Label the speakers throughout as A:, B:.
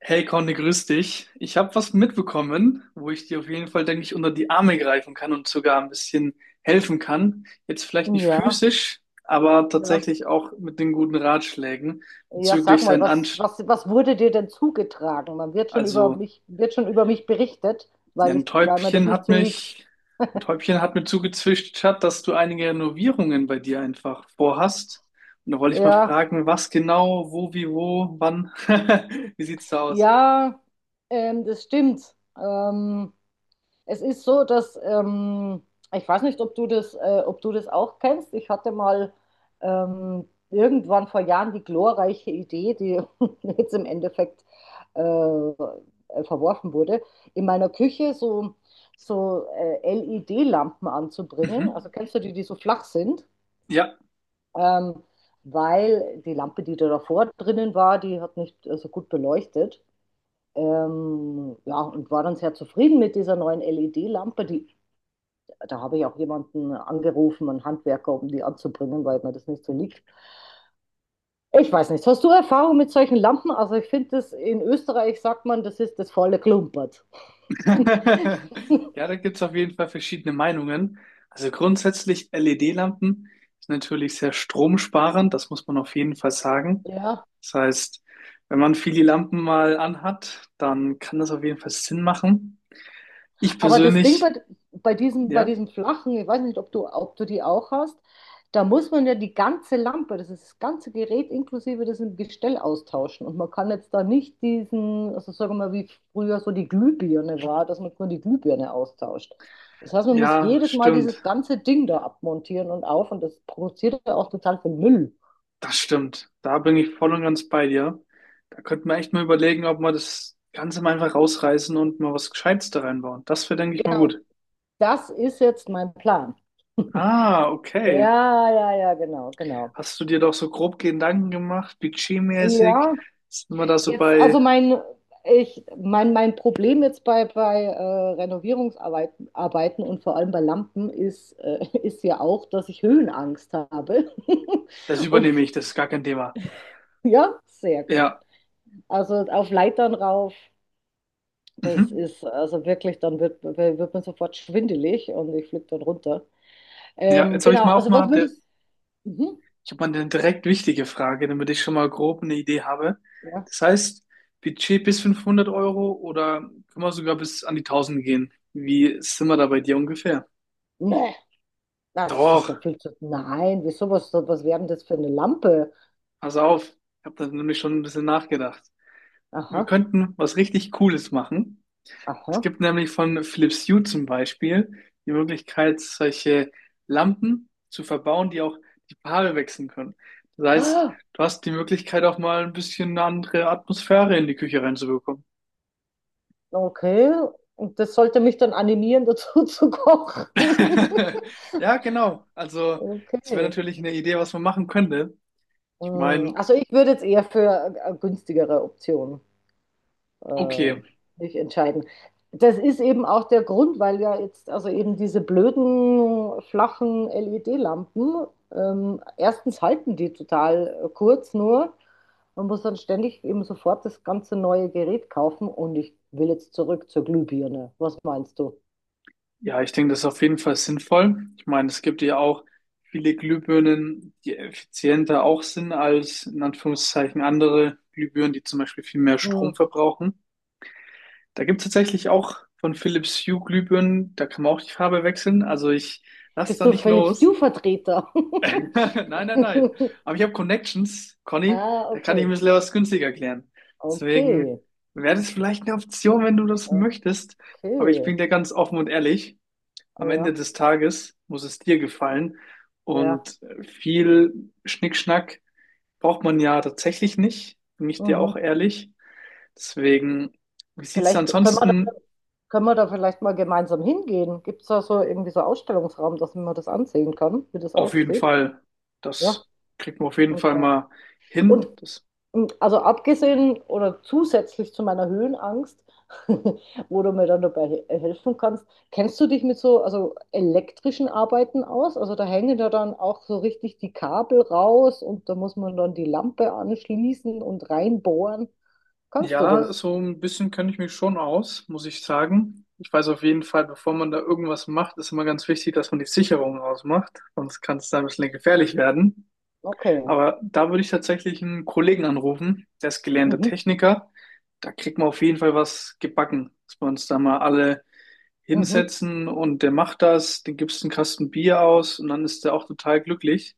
A: Hey Conny, grüß dich. Ich habe was mitbekommen, wo ich dir auf jeden Fall, denke ich, unter die Arme greifen kann und sogar ein bisschen helfen kann. Jetzt vielleicht nicht
B: Ja,
A: physisch, aber
B: ja.
A: tatsächlich auch mit den guten Ratschlägen
B: Ja, sag
A: bezüglich
B: mal,
A: sein
B: was,
A: Anst.
B: was, was wurde dir denn zugetragen? Man wird schon über
A: Also
B: mich, wird schon über mich berichtet,
A: ja,
B: weil
A: ein
B: mir das
A: Täubchen
B: nicht
A: hat
B: so liegt.
A: mich, ein Täubchen hat mir zugezwitschert, dass du einige Renovierungen bei dir einfach vorhast. Und da wollte ich mal
B: Ja,
A: fragen, was genau, wo, wie, wo, wann. Wie sieht's da aus?
B: ja, das stimmt. Ähm, Es ist so, dass ich weiß nicht, ob du das auch kennst. Ich hatte mal irgendwann vor Jahren die glorreiche Idee, die jetzt im Endeffekt äh, verworfen wurde, in meiner Küche so LED-Lampen anzubringen.
A: Mhm.
B: Also kennst du die, die so flach sind?
A: Ja.
B: Ähm, Weil die Lampe, die da davor drinnen war, die hat nicht so gut beleuchtet. Ja, und war dann sehr zufrieden mit dieser neuen LED-Lampe, die da habe ich auch jemanden angerufen, einen Handwerker, um die anzubringen, weil mir das nicht so liegt. Ich weiß nicht, hast du Erfahrung mit solchen Lampen? Also ich finde das, in Österreich sagt man, das ist das volle Klumpert.
A: Ja, da gibt es auf jeden Fall verschiedene Meinungen. Also grundsätzlich LED-Lampen sind natürlich sehr stromsparend, das muss man auf jeden Fall sagen.
B: Ja,
A: Das heißt, wenn man viele Lampen mal anhat, dann kann das auf jeden Fall Sinn machen. Ich
B: aber das Ding
A: persönlich,
B: bei
A: ja,
B: diesem flachen, ich weiß nicht, ob du die auch hast, da muss man ja die ganze Lampe, das ist das ganze Gerät inklusive diesem Gestell austauschen. Und man kann jetzt da nicht diesen, also sagen wir mal, wie früher so die Glühbirne war, dass man nur die Glühbirne austauscht. Das heißt, man muss
A: ja,
B: jedes Mal dieses
A: stimmt,
B: ganze Ding da abmontieren und auf und das produziert ja auch total viel Müll.
A: das stimmt. Da bin ich voll und ganz bei dir. Da könnte man echt mal überlegen, ob man das Ganze mal einfach rausreißen und mal was Gescheites da reinbauen. Das wäre, denke ich, mal gut.
B: Das ist jetzt mein Plan.
A: Ah, okay.
B: Ja, ja, ja, genau, genau.
A: Hast du dir doch so grob Gedanken gemacht, budgetmäßig?
B: Ja,
A: Sind wir da so
B: jetzt,
A: bei,
B: mein Problem jetzt bei, bei Renovierungsarbeiten Arbeiten und vor allem bei Lampen ist, ist ja auch, dass ich Höhenangst habe.
A: das
B: Und
A: übernehme ich, das ist gar kein Thema.
B: ja, sehr gut.
A: Ja,
B: Also auf Leitern rauf, das
A: mhm.
B: ist also wirklich, dann wird man sofort schwindelig und ich fliege dann runter.
A: Ja, jetzt habe ich
B: Genau,
A: mal auch
B: also was
A: mal,
B: würdest du. Mhm.
A: ich habe mal eine direkt wichtige Frage, damit ich schon mal grob eine Idee habe.
B: Ja.
A: Das heißt, Budget bis 500 € oder können wir sogar bis an die 1000 gehen? Wie sind wir da bei dir ungefähr?
B: Nee, na, das ist
A: Doch,
B: ja viel zu. Nein, wieso was wäre denn das für eine Lampe?
A: pass auf, ich habe da nämlich schon ein bisschen nachgedacht.
B: Aha,
A: Wir könnten was richtig Cooles machen. Es
B: aha.
A: gibt nämlich von Philips Hue zum Beispiel die Möglichkeit, solche Lampen zu verbauen, die auch die Paare wechseln können. Das heißt, du hast die Möglichkeit, auch mal ein bisschen eine andere Atmosphäre in die Küche reinzubekommen.
B: Okay, und das sollte mich dann animieren, dazu zu kochen.
A: Ja, genau. Also, das wäre
B: Okay.
A: natürlich eine Idee, was man machen könnte. Ich
B: Mm,
A: meine,
B: also ich würde jetzt eher für eine günstigere Option äh,
A: okay.
B: mich entscheiden. Das ist eben auch der Grund, weil ja jetzt also eben diese blöden, flachen LED-Lampen, erstens halten die total kurz nur. Man muss dann ständig eben sofort das ganze neue Gerät kaufen und ich will jetzt zurück zur Glühbirne. Was meinst du?
A: Ja, ich denke, das ist auf jeden Fall sinnvoll. Ich meine, es gibt ja auch viele Glühbirnen, die effizienter auch sind als in Anführungszeichen andere Glühbirnen, die zum Beispiel viel mehr Strom
B: Mm,
A: verbrauchen. Da gibt es tatsächlich auch von Philips Hue Glühbirnen, da kann man auch die Farbe wechseln. Also ich lass
B: bist
A: da
B: du
A: nicht
B: Philipp
A: los.
B: Stew-Vertreter?
A: Nein, nein, nein. Aber ich habe Connections, Conny,
B: Ah,
A: da kann ich ein
B: okay.
A: bisschen was günstiger klären. Deswegen
B: Okay.
A: wäre das vielleicht eine Option, wenn du das möchtest. Aber ich
B: Okay.
A: bin dir ganz offen und ehrlich, am Ende
B: Ja,
A: des Tages muss es dir gefallen.
B: ja.
A: Und viel Schnickschnack braucht man ja tatsächlich nicht, bin ich dir auch
B: Mhm.
A: ehrlich. Deswegen, wie sieht's denn
B: Vielleicht können wir da,
A: ansonsten?
B: Können wir da vielleicht mal gemeinsam hingehen? Gibt es da so irgendwie so Ausstellungsraum, dass man das ansehen kann, wie das
A: Auf jeden
B: aussieht?
A: Fall,
B: Ja,
A: das kriegt man auf jeden Fall
B: okay.
A: mal
B: Und
A: hin. Das,
B: also abgesehen oder zusätzlich zu meiner Höhenangst, wo du mir dann dabei helfen kannst, kennst du dich mit so also elektrischen Arbeiten aus? Also da hängen ja dann auch so richtig die Kabel raus und da muss man dann die Lampe anschließen und reinbohren. Kannst du
A: ja,
B: das?
A: so ein bisschen kenne ich mich schon aus, muss ich sagen. Ich weiß auf jeden Fall, bevor man da irgendwas macht, ist immer ganz wichtig, dass man die Sicherung ausmacht. Sonst kann es da ein bisschen gefährlich werden.
B: Okay.
A: Aber da würde ich tatsächlich einen Kollegen anrufen, der ist gelernter
B: Mhm.
A: Techniker. Da kriegt man auf jeden Fall was gebacken, dass wir uns da mal alle
B: Mhm.
A: hinsetzen und der macht das, den gibst einen Kasten Bier aus und dann ist der auch total glücklich.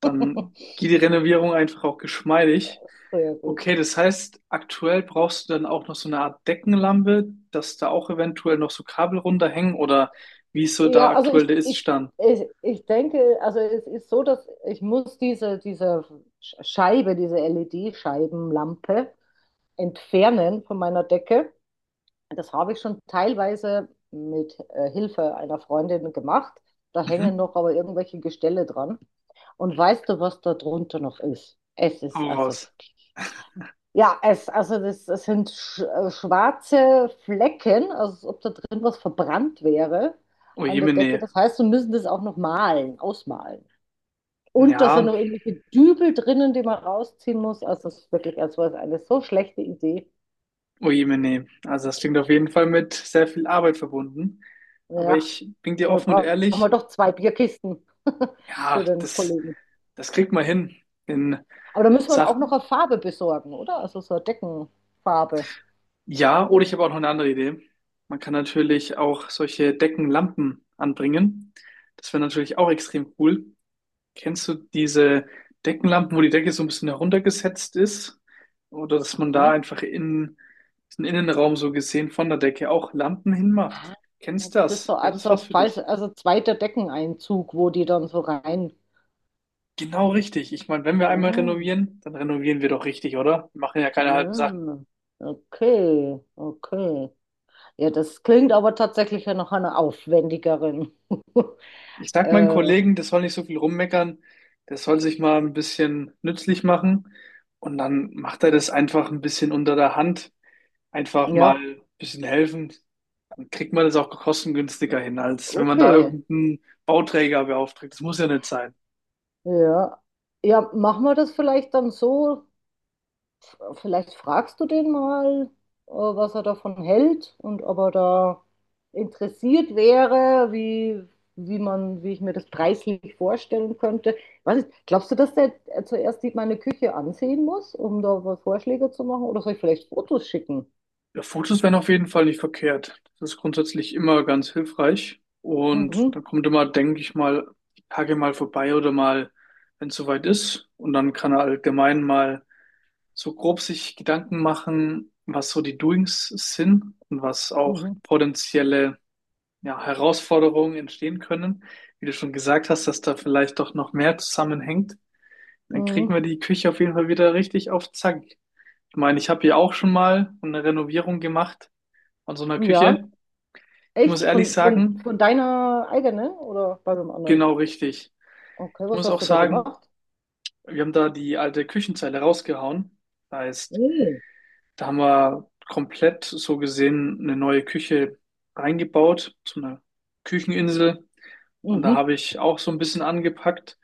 A: Dann geht die Renovierung einfach auch geschmeidig.
B: Sehr gut.
A: Okay, das heißt, aktuell brauchst du dann auch noch so eine Art Deckenlampe, dass da auch eventuell noch so Kabel runterhängen oder wie ist so da
B: Ja, also
A: aktuell
B: ich,
A: der
B: ich,
A: Iststand?
B: ich, ich denke, also es ist so, dass ich muss diese Scheibe, diese LED-Scheibenlampe entfernen von meiner Decke. Das habe ich schon teilweise mit Hilfe einer Freundin gemacht. Da hängen
A: Mhm.
B: noch aber irgendwelche Gestelle dran. Und weißt du, was da drunter noch ist? Es ist
A: Hau
B: also
A: raus.
B: ja, es, es sind schwarze Flecken, also als ob da drin was verbrannt wäre
A: Oh
B: an der Decke.
A: Jemine.
B: Das heißt, wir müssen das auch noch malen, ausmalen. Und da sind
A: Ja,
B: noch irgendwelche Dübel drinnen, die man rausziehen muss. Also es ist wirklich, es war eine so schlechte Idee.
A: oh je, meine. Also das klingt auf jeden Fall mit sehr viel Arbeit verbunden. Aber
B: Ja,
A: ich bin dir
B: wir
A: offen und
B: brauchen wir
A: ehrlich,
B: doch zwei Bierkisten
A: ja,
B: für den
A: das,
B: Kollegen.
A: das kriegt man hin in
B: Aber da müssen wir auch noch
A: Sachen.
B: eine Farbe besorgen, oder? Also so eine Deckenfarbe.
A: Ja, oder ich habe auch noch eine andere Idee. Man kann natürlich auch solche Deckenlampen anbringen. Das wäre natürlich auch extrem cool. Kennst du diese Deckenlampen, wo die Decke so ein bisschen heruntergesetzt ist? Oder dass man da
B: Aha.
A: einfach in den Innenraum so gesehen von der Decke auch Lampen hinmacht?
B: Ah, das
A: Kennst du
B: ist so
A: das? Wäre
B: als
A: das
B: so
A: was für
B: falsch,
A: dich?
B: also zweiter Deckeneinzug, wo die dann so rein.
A: Genau richtig. Ich meine, wenn wir
B: Ja,
A: einmal renovieren, dann renovieren wir doch richtig, oder? Wir machen ja keine halben Sachen.
B: ja. Okay, okay. Ja, das klingt aber tatsächlich ja nach einer aufwendigeren.
A: Ich sag meinen
B: äh,
A: Kollegen, das soll nicht so viel rummeckern, das soll sich mal ein bisschen nützlich machen und dann macht er das einfach ein bisschen unter der Hand, einfach mal
B: ja,
A: ein bisschen helfen. Dann kriegt man das auch kostengünstiger hin, als wenn man da
B: okay.
A: irgendeinen Bauträger beauftragt. Das muss ja nicht sein.
B: Ja. Ja, machen wir das vielleicht dann so. Vielleicht fragst du den mal, was er davon hält und ob er da interessiert wäre, wie man, wie ich mir das preislich vorstellen könnte. Weiß nicht, glaubst du, dass der zuerst meine Küche ansehen muss, um da was Vorschläge zu machen? Oder soll ich vielleicht Fotos schicken?
A: Ja, Fotos wären auf jeden Fall nicht verkehrt. Das ist grundsätzlich immer ganz hilfreich. Und
B: Mhm,
A: dann kommt immer, denke ich mal, die Tage mal vorbei oder mal, wenn es soweit ist. Und dann kann er allgemein mal so grob sich Gedanken machen, was so die Doings sind und was auch
B: mhm,
A: potenzielle, ja, Herausforderungen entstehen können. Wie du schon gesagt hast, dass da vielleicht doch noch mehr zusammenhängt. Dann kriegen
B: mhm.
A: wir die Küche auf jeden Fall wieder richtig auf Zack. Ich meine, ich habe hier auch schon mal eine Renovierung gemacht von so einer
B: Ja,
A: Küche. Ich muss
B: echt?
A: ehrlich
B: Von,
A: sagen,
B: von deiner eigenen oder bei dem anderen?
A: genau richtig.
B: Okay,
A: Ich
B: was
A: muss auch
B: hast du da
A: sagen,
B: gemacht?
A: wir haben da die alte Küchenzeile rausgehauen. Das heißt,
B: Mhm.
A: da haben wir komplett so gesehen eine neue Küche reingebaut, so eine Kücheninsel. Und da
B: Mhm.
A: habe ich auch so ein bisschen angepackt.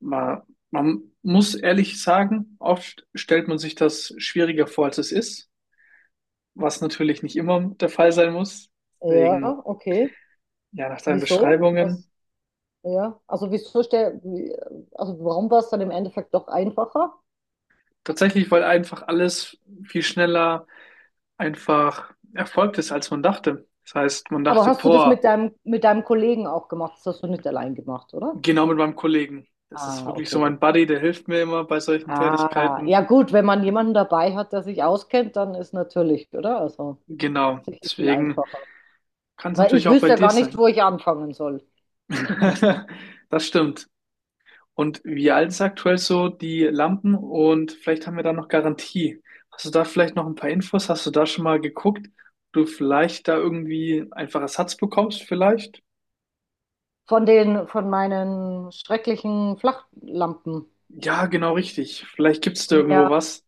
A: Man, man muss ehrlich sagen, oft stellt man sich das schwieriger vor, als es ist, was natürlich nicht immer der Fall sein muss. Deswegen,
B: Ja, okay.
A: ja, nach deinen
B: Wieso?
A: Beschreibungen.
B: Was? Ja, also also warum war es dann im Endeffekt doch einfacher?
A: Tatsächlich, weil einfach alles viel schneller einfach erfolgt ist, als man dachte. Das heißt, man
B: Aber
A: dachte,
B: hast du das
A: boah,
B: mit deinem Kollegen auch gemacht? Das hast du nicht allein gemacht, oder?
A: genau mit meinem Kollegen. Das ist
B: Ah,
A: wirklich so
B: okay.
A: mein Buddy, der hilft mir immer bei solchen
B: Ah,
A: Tätigkeiten.
B: ja gut, wenn man jemanden dabei hat, der sich auskennt, dann ist natürlich, oder? Also
A: Genau.
B: sicher viel
A: Deswegen
B: einfacher.
A: kann es
B: Weil
A: natürlich
B: ich
A: auch bei
B: wüsste ja
A: dir
B: gar nicht,
A: sein.
B: wo ich anfangen soll.
A: Das stimmt. Und wie alt ist aktuell so die Lampen? Und vielleicht haben wir da noch Garantie. Hast du da vielleicht noch ein paar Infos? Hast du da schon mal geguckt, ob du vielleicht da irgendwie einfach Ersatz bekommst, vielleicht?
B: Von den, von meinen schrecklichen Flachlampen.
A: Ja, genau richtig. Vielleicht gibt es da irgendwo
B: Ja,
A: was,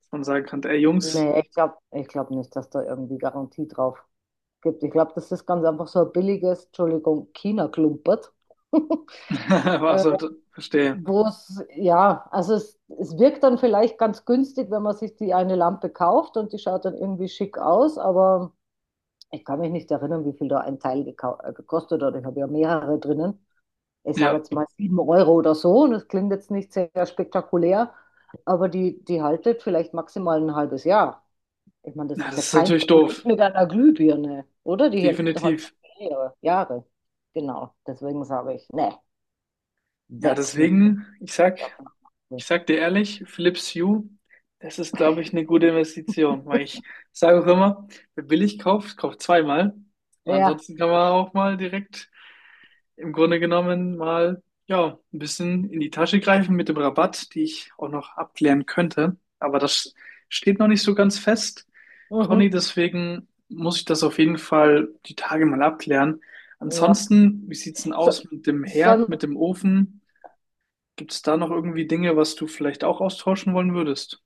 A: dass man sagen kann, ey Jungs,
B: nee, ich glaube nicht, dass da irgendwie Garantie drauf gibt. Ich glaube, das ist ganz einfach so ein billiges, Entschuldigung, China-Klumpert.
A: was
B: äh,
A: heute? Verstehe.
B: Wo es, ja, es wirkt dann vielleicht ganz günstig, wenn man sich die eine Lampe kauft und die schaut dann irgendwie schick aus, aber ich kann mich nicht erinnern, wie viel da ein Teil gekostet hat. Ich habe ja mehrere drinnen. Ich sage
A: Ja,
B: jetzt mal 7 € oder so und das klingt jetzt nicht sehr spektakulär, aber die, die haltet vielleicht maximal ein halbes Jahr. Ich meine, das
A: ja,
B: ist ja
A: das ist
B: kein
A: natürlich doof.
B: Vergleich mit einer Glühbirne, oder? Die hält halt
A: Definitiv.
B: mehrere Jahre. Genau, deswegen sage ich, ne,
A: Ja,
B: weg mit der
A: deswegen, ich sag, ich
B: Stoffnadel.
A: sag dir ehrlich, Philips Hue, das ist, glaube ich, eine gute Investition, weil ich sage auch immer, wer billig kauft, kauft zweimal. Und
B: Ja,
A: ansonsten kann man auch mal direkt im Grunde genommen mal ja, ein bisschen in die Tasche greifen mit dem Rabatt, die ich auch noch abklären könnte. Aber das steht noch nicht so ganz fest,
B: mhm,
A: Conny, deswegen muss ich das auf jeden Fall die Tage mal abklären.
B: ja.
A: Ansonsten, wie sieht's denn
B: So,
A: aus mit dem Herd,
B: so,
A: mit dem Ofen? Gibt es da noch irgendwie Dinge, was du vielleicht auch austauschen wollen würdest?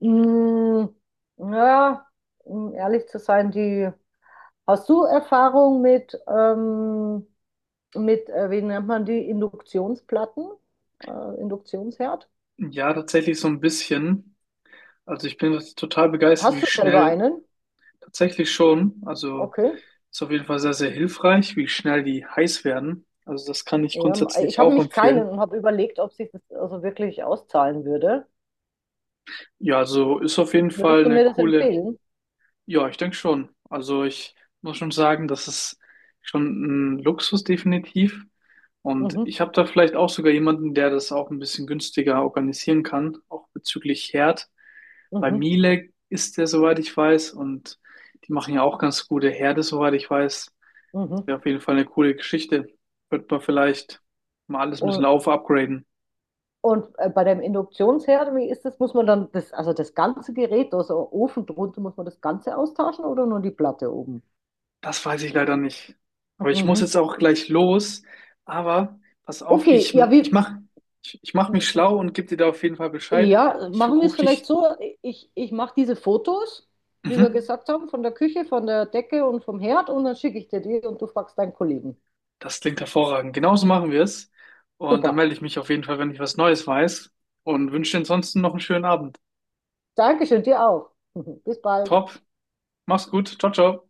B: mh, ja, um ehrlich zu sein, die, hast du Erfahrung mit, wie nennt man die, Induktionsplatten, Induktionsherd?
A: Ja, tatsächlich so ein bisschen. Also ich bin total begeistert,
B: Hast
A: wie
B: du selber
A: schnell
B: einen?
A: tatsächlich schon, also
B: Okay.
A: ist auf jeden Fall sehr, sehr hilfreich, wie schnell die heiß werden. Also das kann ich
B: Ja,
A: grundsätzlich
B: ich habe
A: auch
B: mich
A: empfehlen.
B: keinen und habe überlegt, ob sich das also wirklich auszahlen würde.
A: Ja, also ist auf jeden Fall
B: Würdest du
A: eine
B: mir das
A: coole,
B: empfehlen?
A: ja, ich denke schon. Also ich muss schon sagen, das ist schon ein Luxus definitiv. Und
B: Mhm,
A: ich habe da vielleicht auch sogar jemanden, der das auch ein bisschen günstiger organisieren kann, auch bezüglich Herd. Bei
B: mhm,
A: Miele ist der, soweit ich weiß, und die machen ja auch ganz gute Herde, soweit ich weiß,
B: mhm.
A: wäre auf jeden Fall eine coole Geschichte. Wird man vielleicht mal alles ein bisschen
B: Und,
A: auf upgraden.
B: und bei dem Induktionsherd, wie ist das? Muss man dann das, also das ganze Gerät, also Ofen drunter, muss man das Ganze austauschen oder nur die Platte oben?
A: Das weiß ich leider nicht. Aber ich muss
B: Mhm.
A: jetzt auch gleich los. Aber pass auf,
B: Okay,
A: ich, ich mach, ich, ich mach mich schlau und gebe dir da auf jeden Fall Bescheid.
B: ja,
A: Ich
B: machen wir es
A: rufe
B: vielleicht
A: dich.
B: so. Ich mache diese Fotos, wie wir
A: Mhm.
B: gesagt haben, von der Küche, von der Decke und vom Herd und dann schicke ich dir die und du fragst deinen Kollegen.
A: Das klingt hervorragend. Genauso machen wir es. Und dann
B: Super.
A: melde ich mich auf jeden Fall, wenn ich was Neues weiß. Und wünsche dir ansonsten noch einen schönen Abend.
B: Dankeschön, dir auch. Bis bald.
A: Top. Mach's gut. Ciao, ciao.